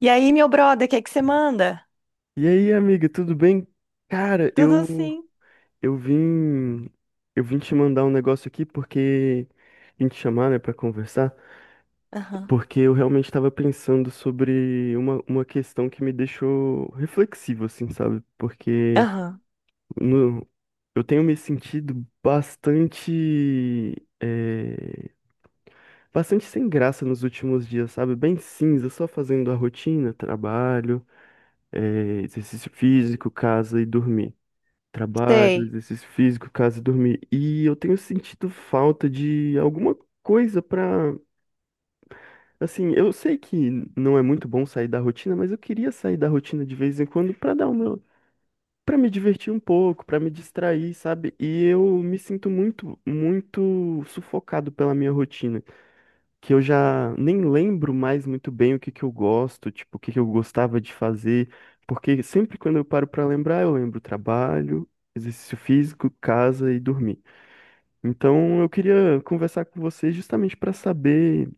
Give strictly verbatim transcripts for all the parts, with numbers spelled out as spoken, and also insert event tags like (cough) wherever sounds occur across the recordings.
E aí, meu brother, o que é que você manda? E aí, amiga, tudo bem? Cara, Tudo eu assim. eu vim eu vim te mandar um negócio aqui porque vim te chamar, né, para conversar, Aham, porque eu realmente estava pensando sobre uma, uma questão que me deixou reflexivo, assim, sabe? Porque aham, no, eu tenho me sentido bastante eh, bastante sem graça nos últimos dias, sabe? Bem cinza, só fazendo a rotina, trabalho, eh, exercício físico, casa e dormir. Trabalho, sei. exercício físico, casa, dormir. E eu tenho sentido falta de alguma coisa pra. Assim, eu sei que não é muito bom sair da rotina, mas eu queria sair da rotina de vez em quando pra dar o meu, para me divertir um pouco, pra me distrair, sabe? E eu me sinto muito, muito sufocado pela minha rotina que eu já nem lembro mais muito bem o que que eu gosto, tipo, o que que eu gostava de fazer, porque sempre quando eu paro pra lembrar, eu lembro trabalho, exercício físico, casa e dormir. Então, eu queria conversar com você justamente para saber,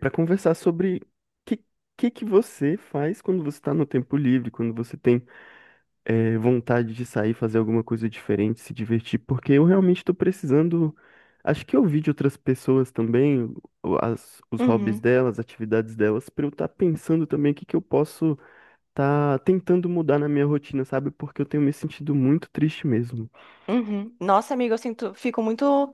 para conversar sobre que que que você faz quando você está no tempo livre, quando você tem é, vontade de sair, fazer alguma coisa diferente, se divertir, porque eu realmente estou precisando. Acho que ouvir de outras pessoas também, o- as- os hobbies Uhum, delas, atividades delas, para eu estar pensando também o que que eu posso estar tentando mudar na minha rotina, sabe? Porque eu tenho me sentido muito triste mesmo. uhum. Nossa, amiga, eu sinto, fico muito.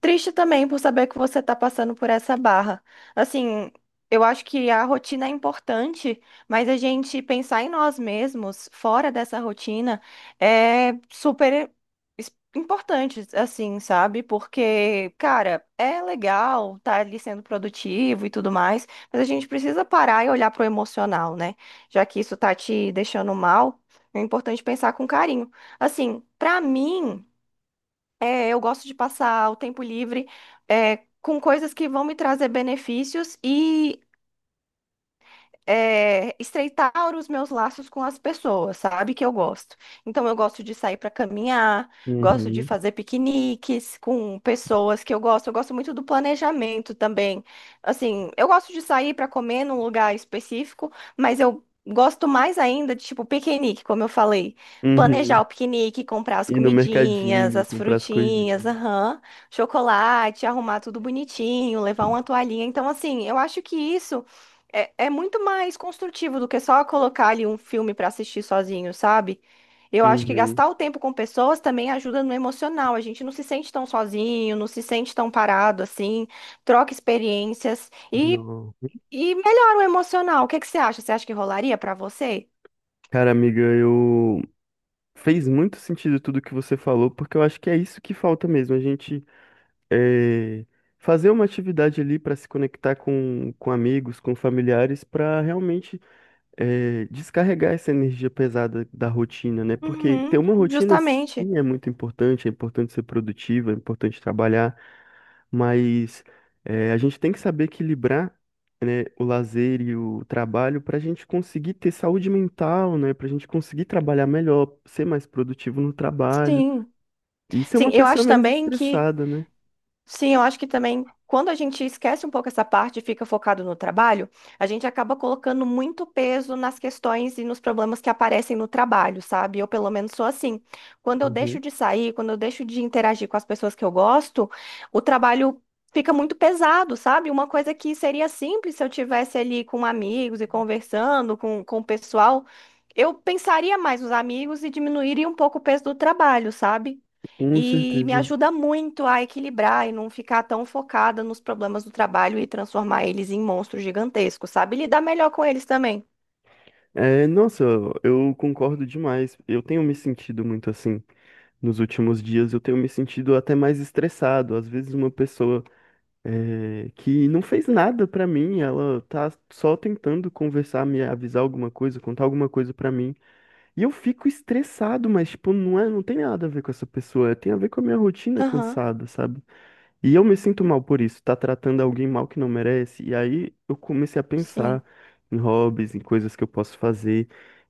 Triste também por saber que você está passando por essa barra. Assim, eu acho que a rotina é importante, mas a gente pensar em nós mesmos fora dessa rotina é super es- importante, assim, sabe? Porque, cara, é legal estar ali sendo produtivo e tudo mais, mas a gente precisa parar e olhar pro emocional, né? Já que isso tá te deixando mal, é importante pensar com carinho. Assim, pra mim. É, eu gosto de passar o tempo livre, é, com coisas que vão me trazer benefícios é, estreitar os meus laços com as pessoas, sabe? Que eu gosto. Então, eu gosto de sair para caminhar, gosto de Uhum. fazer piqueniques com pessoas que eu gosto. Eu gosto muito do planejamento também. Assim, eu gosto de sair para comer num lugar específico, mas eu gosto mais ainda de, tipo, piquenique, como eu falei. Planejar Uhum. o piquenique, comprar as Ir no comidinhas, mercadinho, as comprar as frutinhas, coisinhas. aham, chocolate, arrumar tudo bonitinho, levar uma toalhinha. Então, assim, eu acho que isso. É, é muito mais construtivo do que só colocar ali um filme para assistir sozinho, sabe? Eu acho que Uhum. gastar o tempo com pessoas também ajuda no emocional. A gente não se sente tão sozinho, não se sente tão parado assim, troca experiências e, Não. e melhora o emocional. O que que você acha? Você acha que rolaria para você? Cara, amiga, eu. Fez muito sentido tudo que você falou, porque eu acho que é isso que falta mesmo. A gente é, fazer uma atividade ali para se conectar com, com amigos, com familiares, para realmente é, descarregar essa energia pesada da rotina, né? Porque ter Uhum, uma rotina justamente. sim é muito importante, é importante ser produtivo, é importante trabalhar, mas é, a gente tem que saber equilibrar. Né, o lazer e o trabalho para a gente conseguir ter saúde mental, né, para a gente conseguir trabalhar melhor, ser mais produtivo no trabalho Sim. e ser Sim, uma eu pessoa acho menos também que estressada, né? Sim, eu acho que também quando a gente esquece um pouco essa parte e fica focado no trabalho, a gente acaba colocando muito peso nas questões e nos problemas que aparecem no trabalho, sabe? Eu, pelo menos, sou assim. Quando eu deixo Uhum. de sair, quando eu deixo de interagir com as pessoas que eu gosto, o trabalho fica muito pesado, sabe? Uma coisa que seria simples se eu tivesse ali com amigos e conversando com, com o pessoal, eu pensaria mais nos amigos e diminuiria um pouco o peso do trabalho, sabe? Com E me certeza. ajuda muito a equilibrar e não ficar tão focada nos problemas do trabalho e transformar eles em monstros gigantescos, sabe? Lidar melhor com eles também. É, nossa, eu concordo demais. Eu tenho me sentido muito assim nos últimos dias. Eu tenho me sentido até mais estressado. Às vezes, uma pessoa é, que não fez nada pra mim, ela tá só tentando conversar, me avisar alguma coisa, contar alguma coisa pra mim. E eu fico estressado, mas, tipo, não é, não tem nada a ver com essa pessoa. Tem a ver com a minha rotina Aham, cansada, sabe? E eu me sinto mal por isso, tá tratando alguém mal que não merece. E aí eu comecei a pensar sim. em hobbies, em coisas que eu posso fazer.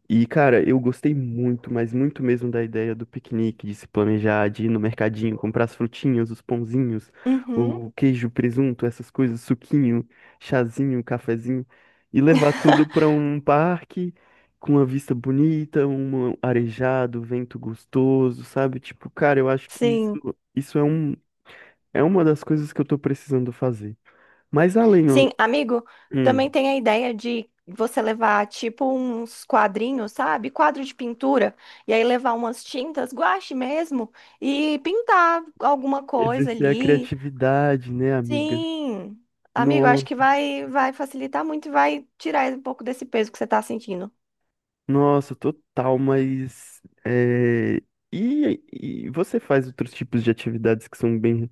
E, cara, eu gostei muito, mas muito mesmo da ideia do piquenique, de se planejar, de ir no mercadinho, comprar as frutinhas, os pãozinhos, Uhum. o queijo, presunto, essas coisas, suquinho, chazinho, cafezinho, e levar tudo (laughs) pra um parque com uma vista bonita, um arejado, vento gostoso, sabe? Tipo, cara, eu acho que isso, Sim, isso é um é uma das coisas que eu tô precisando fazer. Mas além, ó, sim, amigo, hum, também tem a ideia de você levar tipo uns quadrinhos, sabe? Quadro de pintura, e aí levar umas tintas, guache mesmo, e pintar alguma coisa exercer a ali. criatividade, né, amiga? Sim, amigo, acho que Nossa, vai, vai facilitar muito e vai tirar um pouco desse peso que você tá sentindo. nossa, total, mas é, e, e você faz outros tipos de atividades que são bem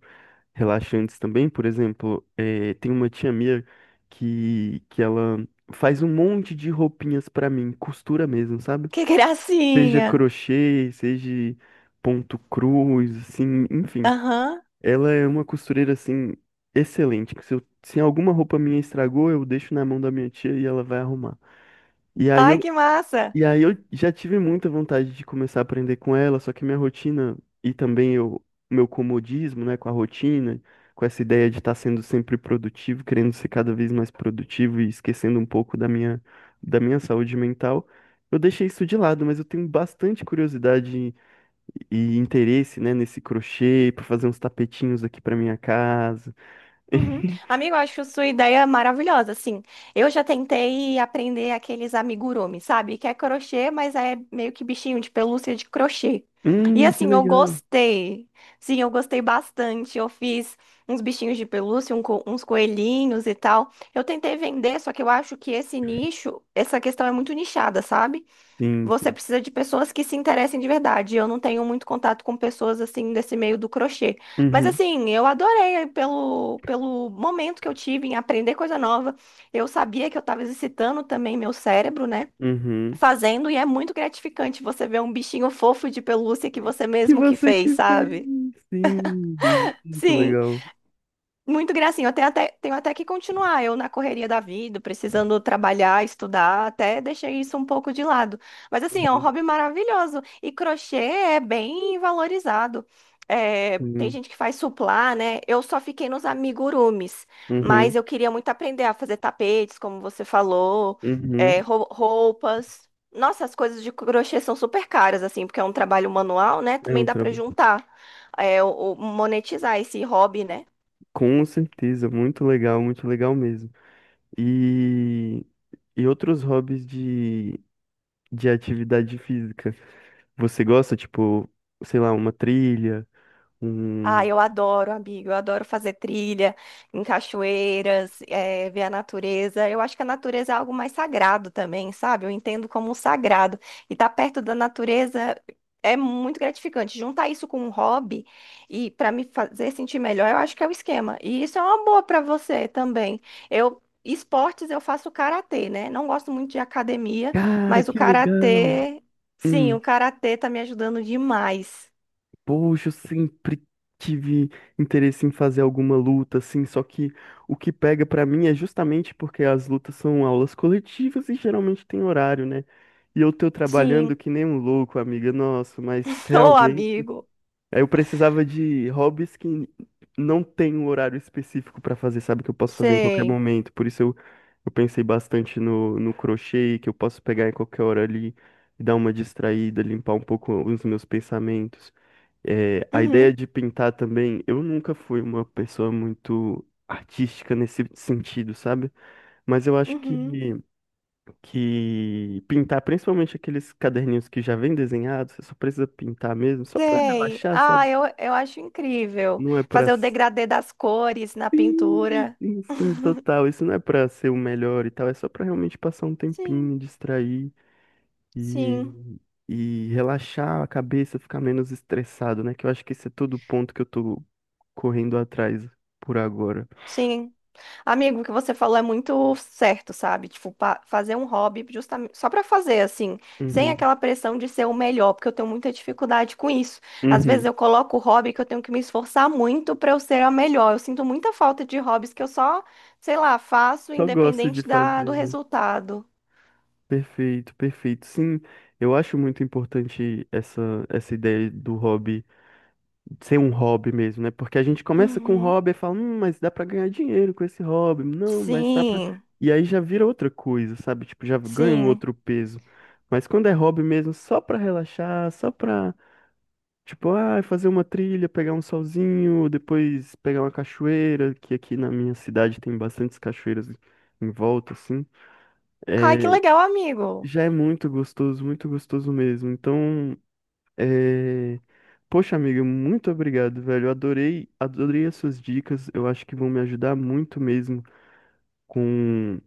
relaxantes também? Por exemplo, é, tem uma tia minha que, que ela faz um monte de roupinhas pra mim, costura mesmo, sabe? Que (laughs) Seja gracinha! crochê, seja ponto cruz, assim, enfim. Aham. Ela é uma costureira assim excelente, que se, eu- se alguma roupa minha estragou, eu deixo na mão da minha tia e ela vai arrumar. E aí eu, Ai, que massa! e aí eu já tive muita vontade de começar a aprender com ela, só que minha rotina e também eu, meu comodismo, né, com a rotina, com essa ideia de estar sendo sempre produtivo, querendo ser cada vez mais produtivo e esquecendo um pouco da minha da minha saúde mental, eu deixei isso de lado, mas eu tenho bastante curiosidade e interesse, né, nesse crochê para fazer uns tapetinhos aqui para minha casa. Uhum. (laughs) Amigo, eu acho sua ideia maravilhosa, assim. Eu já tentei aprender aqueles amigurumi, sabe? Que é crochê, mas é meio que bichinho de pelúcia de crochê. E Hum, que assim, eu legal. gostei. Sim, eu gostei bastante. Eu fiz uns bichinhos de pelúcia, um co- uns coelhinhos e tal. Eu tentei vender, só que eu acho que esse nicho, essa questão é muito nichada, sabe? Sim, Você sim. precisa de pessoas que se interessem de verdade. Eu não tenho muito contato com pessoas assim desse meio do crochê. Mas Uhum, assim, eu adorei eh, pelo, pelo momento que eu tive em aprender coisa nova. Eu sabia que eu estava exercitando também meu cérebro, né? uhum. Fazendo, e é muito gratificante você ver um bichinho fofo de pelúcia que você Que mesmo que você fez, que sabe? fez. Sim, muito Sim. legal. Muito gracinha. Eu tenho até, tenho até que continuar. Eu, na correria da vida, precisando trabalhar, estudar, até deixei isso um pouco de lado. Mas, assim, é um Uhum, hobby maravilhoso. E crochê é bem valorizado. É, tem sim. gente que faz suplá, né? Eu só fiquei nos amigurumis, mas Uhum, eu queria muito aprender a fazer tapetes, como você falou, é, uhum. rou- roupas. Nossa, as coisas de crochê são super caras, assim, porque é um trabalho manual, né? É Também um dá para trabalho. juntar, é, o- o- monetizar esse hobby, né? Com certeza, muito legal, muito legal mesmo. E, e outros hobbies de, de atividade física? Você gosta, tipo, sei lá, uma trilha, Ah, um eu adoro, amigo. Eu adoro fazer trilha em cachoeiras, eh, ver a natureza. Eu acho que a natureza é algo mais sagrado também, sabe? Eu entendo como um sagrado. E estar perto da natureza é muito gratificante. Juntar isso com um hobby e para me fazer sentir melhor, eu acho que é o esquema. E isso é uma boa para você também. Eu esportes eu faço karatê, né? Não gosto muito de academia, Cara, mas o que legal! karatê, sim, Hum, o karatê tá me ajudando demais. poxa, eu sempre tive interesse em fazer alguma luta, assim, só que o que pega pra mim é justamente porque as lutas são aulas coletivas e geralmente tem horário, né? E eu tô Sim, trabalhando que nem um louco, amiga, nossa, mas (laughs) ô realmente. amigo. Aí eu precisava de hobbies que não tem um horário específico pra fazer, sabe? Que eu posso fazer em qualquer Sei. momento. Por isso eu, eu pensei bastante no, no crochê, que eu posso pegar em qualquer hora ali, dar uma distraída, limpar um pouco os meus pensamentos. É, a ideia Uhum, de pintar também, eu nunca fui uma pessoa muito artística nesse sentido, sabe? Mas eu acho que, uhum. que pintar, principalmente aqueles caderninhos que já vêm desenhados, você só precisa pintar mesmo, só pra Sei. relaxar, Ah, sabe? eu, eu acho incrível Não é pra. fazer o degradê das cores na Sim, pintura. sim, sim, (laughs) total. Isso não é pra ser o melhor e tal. É só pra realmente passar um Sim, tempinho, distrair sim, e, e relaxar a cabeça, ficar menos estressado, né? Que eu acho que esse é todo o ponto que eu tô correndo atrás por agora. sim. Amigo, o que você falou é muito certo, sabe? Tipo, pa- fazer um hobby justamente só pra fazer assim, sem Uhum. aquela pressão de ser o melhor, porque eu tenho muita dificuldade com isso. Às vezes Uhum. eu coloco o hobby que eu tenho que me esforçar muito pra eu ser a melhor. Eu sinto muita falta de hobbies que eu só, sei lá, faço Só gosto de independente da, do fazer, né? resultado. Perfeito, perfeito. Sim, eu acho muito importante essa, essa ideia do hobby. Ser um hobby mesmo, né? Porque a gente começa com um Uhum. hobby e fala, hum, mas dá pra ganhar dinheiro com esse hobby. Não, mas dá pra. Sim, E aí já vira outra coisa, sabe? Tipo, já ganha um sim. outro peso. Mas quando é hobby mesmo, só pra relaxar, só pra, tipo, ah, fazer uma trilha, pegar um solzinho, depois pegar uma cachoeira, que aqui na minha cidade tem bastantes cachoeiras em volta, assim. Ai, que É, legal, amigo. já é muito gostoso, muito gostoso mesmo. Então, é... Poxa, amiga, muito obrigado, velho. Eu adorei, adorei as suas dicas. Eu acho que vão me ajudar muito mesmo com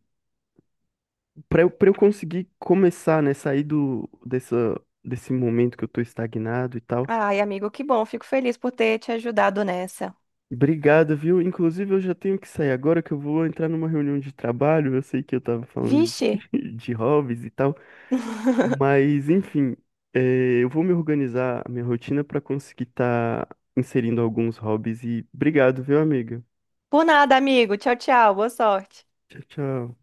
para eu, para eu conseguir começar, né, sair do dessa desse momento que eu tô estagnado e tal. Ai, amigo, que bom. Fico feliz por ter te ajudado nessa. Obrigado, viu? Inclusive, eu já tenho que sair agora que eu vou entrar numa reunião de trabalho. Eu sei que eu tava falando de, Vixe. (laughs) de hobbies e tal, (laughs) mas enfim, é, eu vou me organizar a minha rotina pra conseguir estar inserindo alguns hobbies e obrigado, viu, amiga? Por nada, amigo. Tchau, tchau. Boa sorte. Tchau, tchau.